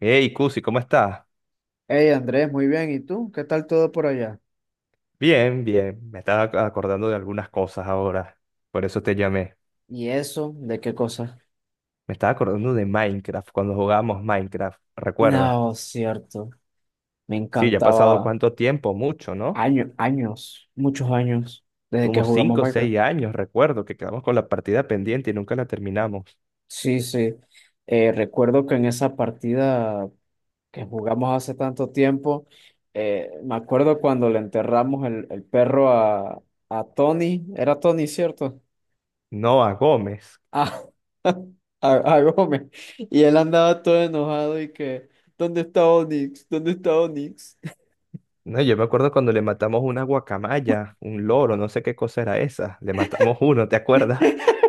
Hey, Cusi, ¿cómo estás? Hey Andrés, muy bien. ¿Y tú? ¿Qué tal todo por allá? Bien, bien. Me estaba acordando de algunas cosas ahora. Por eso te llamé. ¿Y eso? ¿De qué cosa? Me estaba acordando de Minecraft, cuando jugábamos Minecraft, ¿recuerdas? No, cierto. Me Sí, ya ha pasado encantaba cuánto tiempo, mucho, ¿no? años, años, muchos años, desde que Como jugamos cinco o seis Minecraft. años, recuerdo, que quedamos con la partida pendiente y nunca la terminamos. Sí, sí. Recuerdo que en esa partida que jugamos hace tanto tiempo, me acuerdo cuando le enterramos el perro a Tony. Era Tony, ¿cierto? No a Gómez. Ah, a Gómez. Y él andaba todo enojado y que, ¿dónde está Onix? ¿Dónde está Onix? No, yo me acuerdo cuando le matamos una guacamaya, un loro, no sé qué cosa era esa. Le matamos uno, ¿te acuerdas?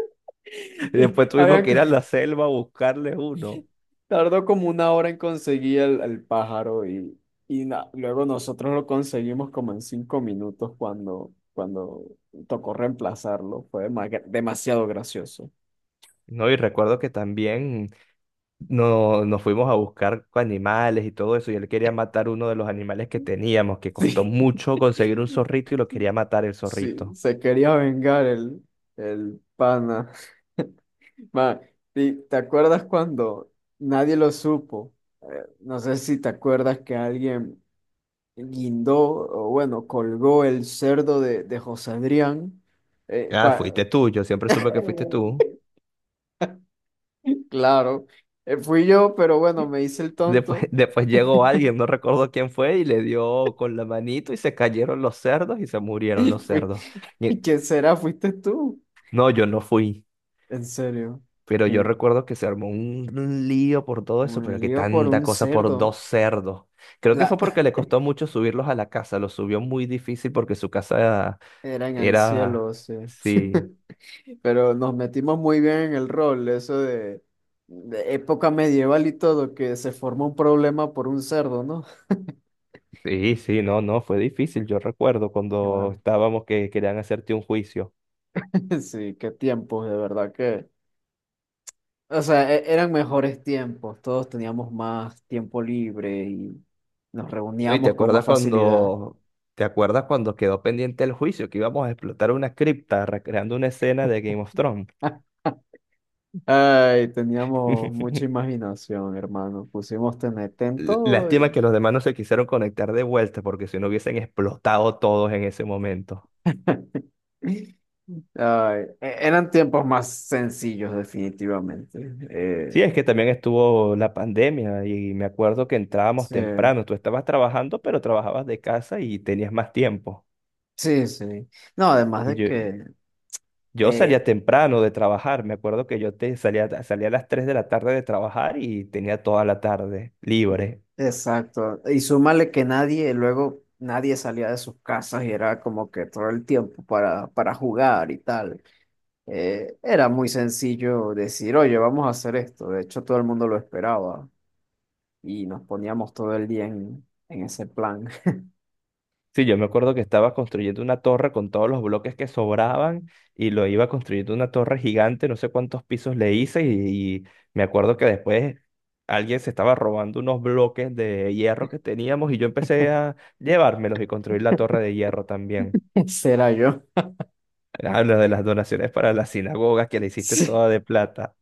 Y después Y tuvimos habían que co- ir a la selva a buscarle uno. tardó como 1 hora en conseguir el pájaro y, luego nosotros lo conseguimos como en 5 minutos cuando, cuando tocó reemplazarlo. Fue demasiado gracioso. No, y recuerdo que también. No, nos fuimos a buscar animales y todo eso, y él quería matar uno de los animales que teníamos, que costó Sí, mucho conseguir un zorrito y lo quería matar el sí, zorrito. se quería vengar el pana. Ma, ¿Te acuerdas cuando nadie lo supo? No sé si te acuerdas que alguien guindó, o bueno, colgó el cerdo de José Adrián. eh, Ah, pa- fuiste tú, yo siempre supe que fuiste tú. claro, fui yo, pero bueno, me hice el Después, tonto. después llegó alguien, no recuerdo quién fue, y le dio con la manito y se cayeron los cerdos y se murieron Y los fui, cerdos. Y- ¿Quién será? ¿Fuiste tú? no, yo no fui. En serio. Pero yo Que recuerdo que se armó un lío por todo eso, Un pero que lío por tanta un cosa por cerdo. dos cerdos. Creo que fue La... porque le costó mucho subirlos a la casa, los subió muy difícil porque su casa Era en el era. cielo, sí, Sí, pero nos metimos muy bien en el rol, eso de época medieval y todo, que se forma un problema por un cerdo, ¿no? sí, sí, no, no, fue difícil, yo recuerdo cuando Ah. estábamos que querían hacerte un juicio. Sí, qué tiempos, de verdad que. O sea, eran mejores tiempos, todos teníamos más tiempo libre y nos No, y te reuníamos con más acuerdas facilidad. cuando. ¿Te acuerdas cuando quedó pendiente el juicio, que íbamos a explotar una cripta recreando una escena de Game of Thrones? Ay, teníamos mucha imaginación, hermano. Pusimos TNT en todo Lástima y... que los demás no se quisieron conectar de vuelta porque si no hubiesen explotado todos en ese momento. Ay, eran tiempos más sencillos, definitivamente. Sí, es que también estuvo la pandemia y me acuerdo que entrábamos sí, temprano. Tú estabas trabajando, pero trabajabas de casa y tenías más tiempo. sí, sí. No, además Y de yo, que yo salía eh, temprano de trabajar. Me acuerdo que yo te salía a las 3 de la tarde de trabajar y tenía toda la tarde libre. exacto. Y súmale que nadie, luego nadie salía de sus casas y era como que todo el tiempo para jugar y tal. Era muy sencillo decir, oye, vamos a hacer esto. De hecho, todo el mundo lo esperaba y nos poníamos todo el día en ese plan. Sí, yo me acuerdo que estaba construyendo una torre con todos los bloques que sobraban y lo iba construyendo una torre gigante, no sé cuántos pisos le hice y, y me acuerdo que después alguien se estaba robando unos bloques de hierro que teníamos y yo empecé a llevármelos y construir la torre de hierro también. Ese era yo. Hablo de las donaciones para la sinagoga que le hiciste Sí, toda de plata,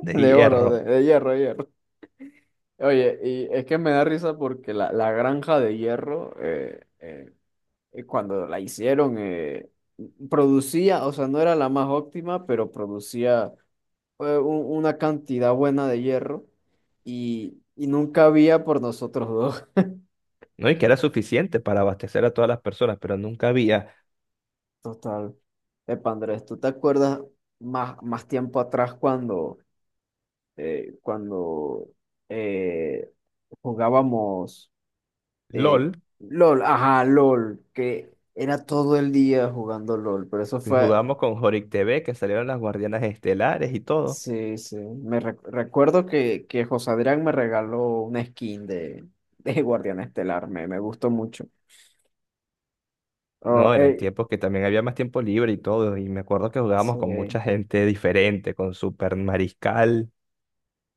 de de oro, hierro, de hierro, hierro. Oye, y es que me da risa porque la granja de hierro, cuando la hicieron, producía, o sea, no era la más óptima, pero producía una cantidad buena de hierro y nunca había por nosotros dos. ¿no? Y que era suficiente para abastecer a todas las personas, pero nunca había Total. Epa, Andrés, ¿tú te acuerdas más, más tiempo atrás cuando, cuando eh, jugábamos eh, LOL. LOL? Ajá, LOL, que era todo el día jugando LOL, pero eso Y fue jugamos con Jorik TV, que salieron las Guardianas Estelares y todo. sí, sí. Recuerdo que José Adrián me regaló una skin de, de Guardián Estelar. Me gustó mucho. Oh, No, eran eh, tiempos que también había más tiempo libre y todo, y me acuerdo que jugábamos con mucha sí, gente diferente, con Super Mariscal.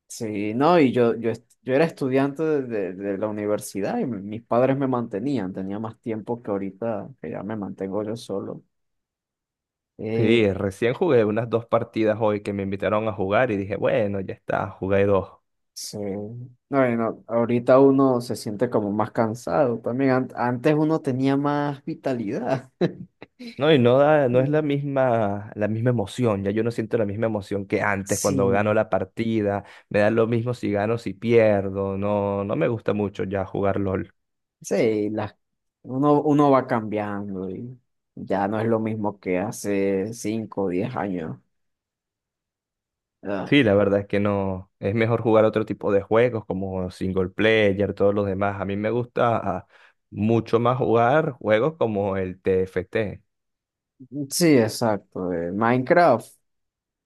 sí, no, yo era estudiante de, de la universidad y mis padres me mantenían. Tenía más tiempo que ahorita, que ya me mantengo yo solo. Eh, Sí, recién jugué unas dos partidas hoy que me invitaron a jugar y dije, bueno, ya está, jugué dos. sí. No, no, ahorita uno se siente como más cansado también. Antes uno tenía más vitalidad. No, y no da, no es la Mm. misma, la misma emoción, ya yo no siento la misma emoción que antes cuando gano Sí. la partida, me da lo mismo si gano, si pierdo, no, no me gusta mucho ya jugar LOL. Sí, las, uno, uno va cambiando y ya no es lo mismo que hace 5 o 10 años. Ah, Sí, la verdad es que no. Es mejor jugar otro tipo de juegos como single player, todos los demás. A mí me gusta mucho más jugar juegos como el TFT. sí, exacto. Minecraft.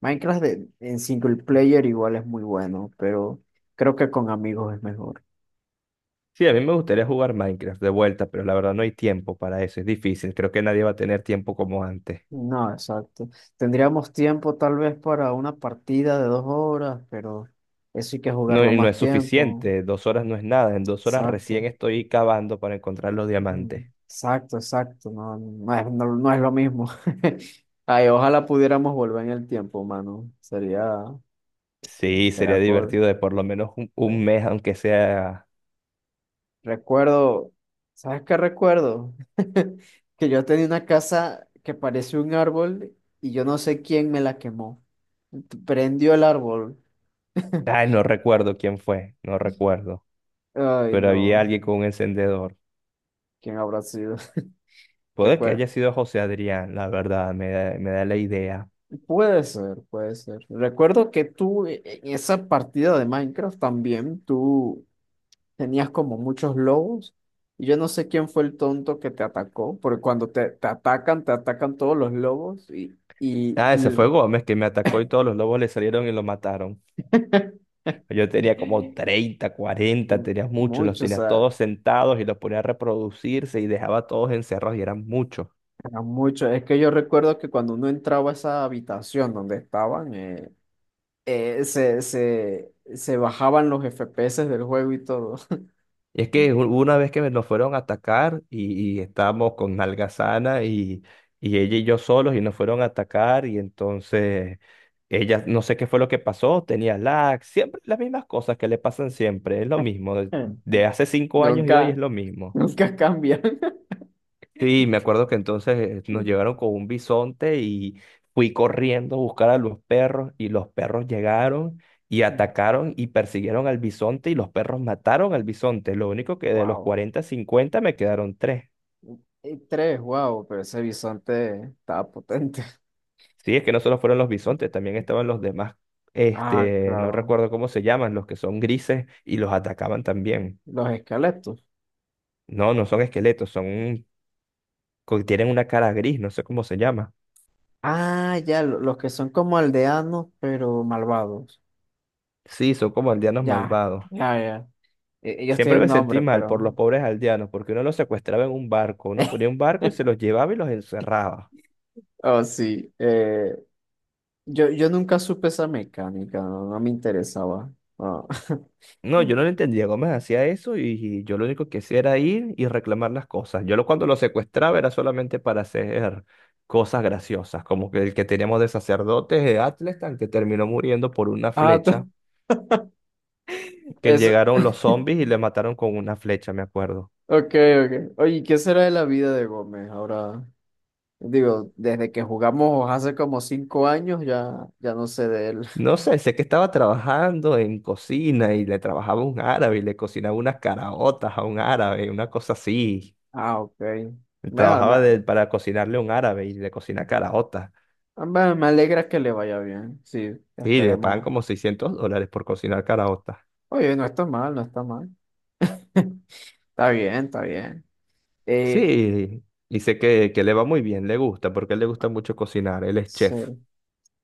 Minecraft en single player igual es muy bueno, pero creo que con amigos es mejor. Sí, a mí me gustaría jugar Minecraft de vuelta, pero la verdad no hay tiempo para eso. Es difícil. Creo que nadie va a tener tiempo como antes. No, exacto. Tendríamos tiempo tal vez para una partida de 2 horas, pero eso hay que No, jugarlo y no más es tiempo. suficiente. 2 horas no es nada. En 2 horas recién Exacto. estoy cavando para encontrar los Mm, diamantes. exacto, exacto, no, no es lo mismo. Ay, ojalá pudiéramos volver en el tiempo, mano. Sería, Sí, sería sería cool. divertido de por lo menos un Pero mes, aunque sea. Recuerdo, ¿Sabes qué recuerdo? Que yo tenía una casa que parece un árbol y yo no sé quién me la quemó. Prendió el árbol. Ay, no recuerdo quién fue. No recuerdo. Ay, Pero había no, alguien con un encendedor. ¿quién habrá sido? Puede que haya Recuerdo, sido José Adrián, la verdad, me da la idea. puede ser, puede ser. Recuerdo que tú en esa partida de Minecraft también, tú tenías como muchos lobos y yo no sé quién fue el tonto que te atacó, porque cuando te, te atacan todos los lobos y, Ah, ese fue Gómez que me atacó y todos los lobos le salieron y lo mataron. Yo tenía como 30 40 mu- tenía muchos, los mucho, o tenía sea, todos sentados y los ponía a reproducirse y dejaba a todos encerrados y eran muchos. era mucho. Es que yo recuerdo que cuando uno entraba a esa habitación donde estaban, se bajaban los FPS del juego y todo. Y es que una vez que nos fueron a atacar y estábamos con Algazana y ella y yo solos y nos fueron a atacar y entonces ella no sé qué fue lo que pasó, tenía lag, siempre las mismas cosas que le pasan siempre, es lo mismo, de, de hace 5 años y hoy es Nunca, lo mismo. nunca cambian. Sí, me acuerdo que entonces nos llevaron con un bisonte y fui corriendo a buscar a los perros y los perros llegaron y atacaron y persiguieron al bisonte y los perros mataron al bisonte. Lo único que de los Wow. 40 50 me quedaron tres. Y tres, wow, pero ese bisonte estaba potente. Sí, es que no solo fueron los bisontes, también estaban los demás, Ah, este, no claro. recuerdo cómo se llaman, los que son grises y los atacaban también. Los esqueletos. No, no son esqueletos, son, tienen una cara gris, no sé cómo se llama. Ah, ya, los que son como aldeanos, pero malvados. Sí, son como aldeanos Ya, malvados. ya, ya. Ellos Siempre tienen un me sentí nombre, mal por pero. los pobres aldeanos, porque uno los secuestraba en un barco, uno ponía un barco y se los llevaba y los encerraba. Oh, sí. Yo nunca supe esa mecánica, no, no me interesaba. Ah, No, yo no lo entendía cómo se hacía eso y yo lo único que hacía era ir y reclamar las cosas. Yo lo, cuando lo secuestraba era solamente para hacer cosas graciosas, como que el que teníamos de sacerdotes de Atlestan que terminó muriendo por una Ah, flecha, t- que eso. llegaron los zombies y le mataron con una flecha, me acuerdo. Ok, ok. Oye, ¿qué será de la vida de Gómez ahora? Digo, desde que jugamos hace como 5 años ya, ya no sé de él. No sé, sé que estaba trabajando en cocina y le trabajaba a un árabe y le cocinaba unas caraotas a un árabe, una cosa así. Ah, ok. Bueno, me, Trabajaba para cocinarle a un árabe y le cocina caraotas. Me alegra que le vaya bien. Sí, Sí, le pagan esperemos. como $600 por cocinar caraotas. Oye, no está mal, no está mal. Está bien, está bien. Eh, Sí, y sé que le va muy bien, le gusta, porque a él le gusta mucho cocinar, él es sí. chef.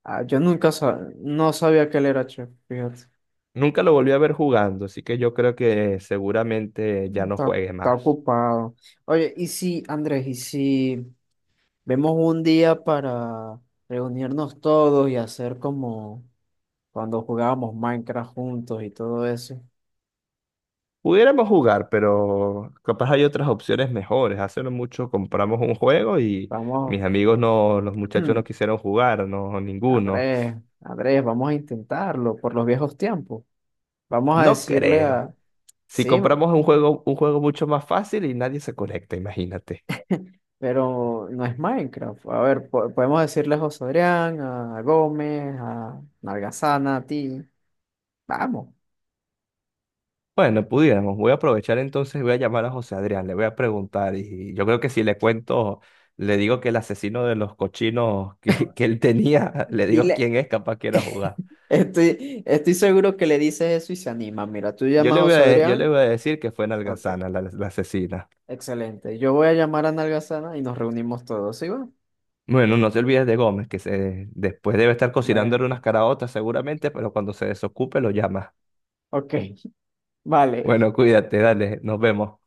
Ah, yo nunca no sabía que él era chef, fíjate. Nunca lo volví a ver jugando, así que yo creo que seguramente ya no Está, juegue está más. ocupado. Oye, y si, Andrés, y si vemos un día para reunirnos todos y hacer como cuando jugábamos Minecraft juntos y todo eso. Pudiéramos jugar, pero capaz hay otras opciones mejores. Hace no mucho compramos un juego y Vamos, mis amigos no, los muchachos no quisieron jugar, no, ninguno. Andrés, Andrés, vamos a intentarlo por los viejos tiempos. Vamos a No decirle creo. a, Si sí, compramos un juego, mucho más fácil y nadie se conecta, imagínate. pero no es Minecraft. A ver, podemos decirle a José Adrián, a Gómez, a Nalgazana, a ti. Vamos, Bueno, pudiéramos. Voy a aprovechar entonces, voy a llamar a José Adrián, le voy a preguntar y yo creo que si le cuento, le digo que el asesino de los cochinos que él tenía, le digo dile. quién es, capaz quiera jugar. Estoy, estoy seguro que le dices eso y se anima. Mira, tú Yo llamas a le voy José a, yo le Adrián. voy a decir que fue Ok, Nalgazana, la asesina. excelente. Yo voy a llamar a Nalgazana y nos reunimos todos, ¿sí va? Bueno, no te olvides de Gómez, que se, después debe estar Bueno, cocinándole unas caraotas seguramente, pero cuando se desocupe lo llamas. ok, vale. Bueno, cuídate, dale, nos vemos.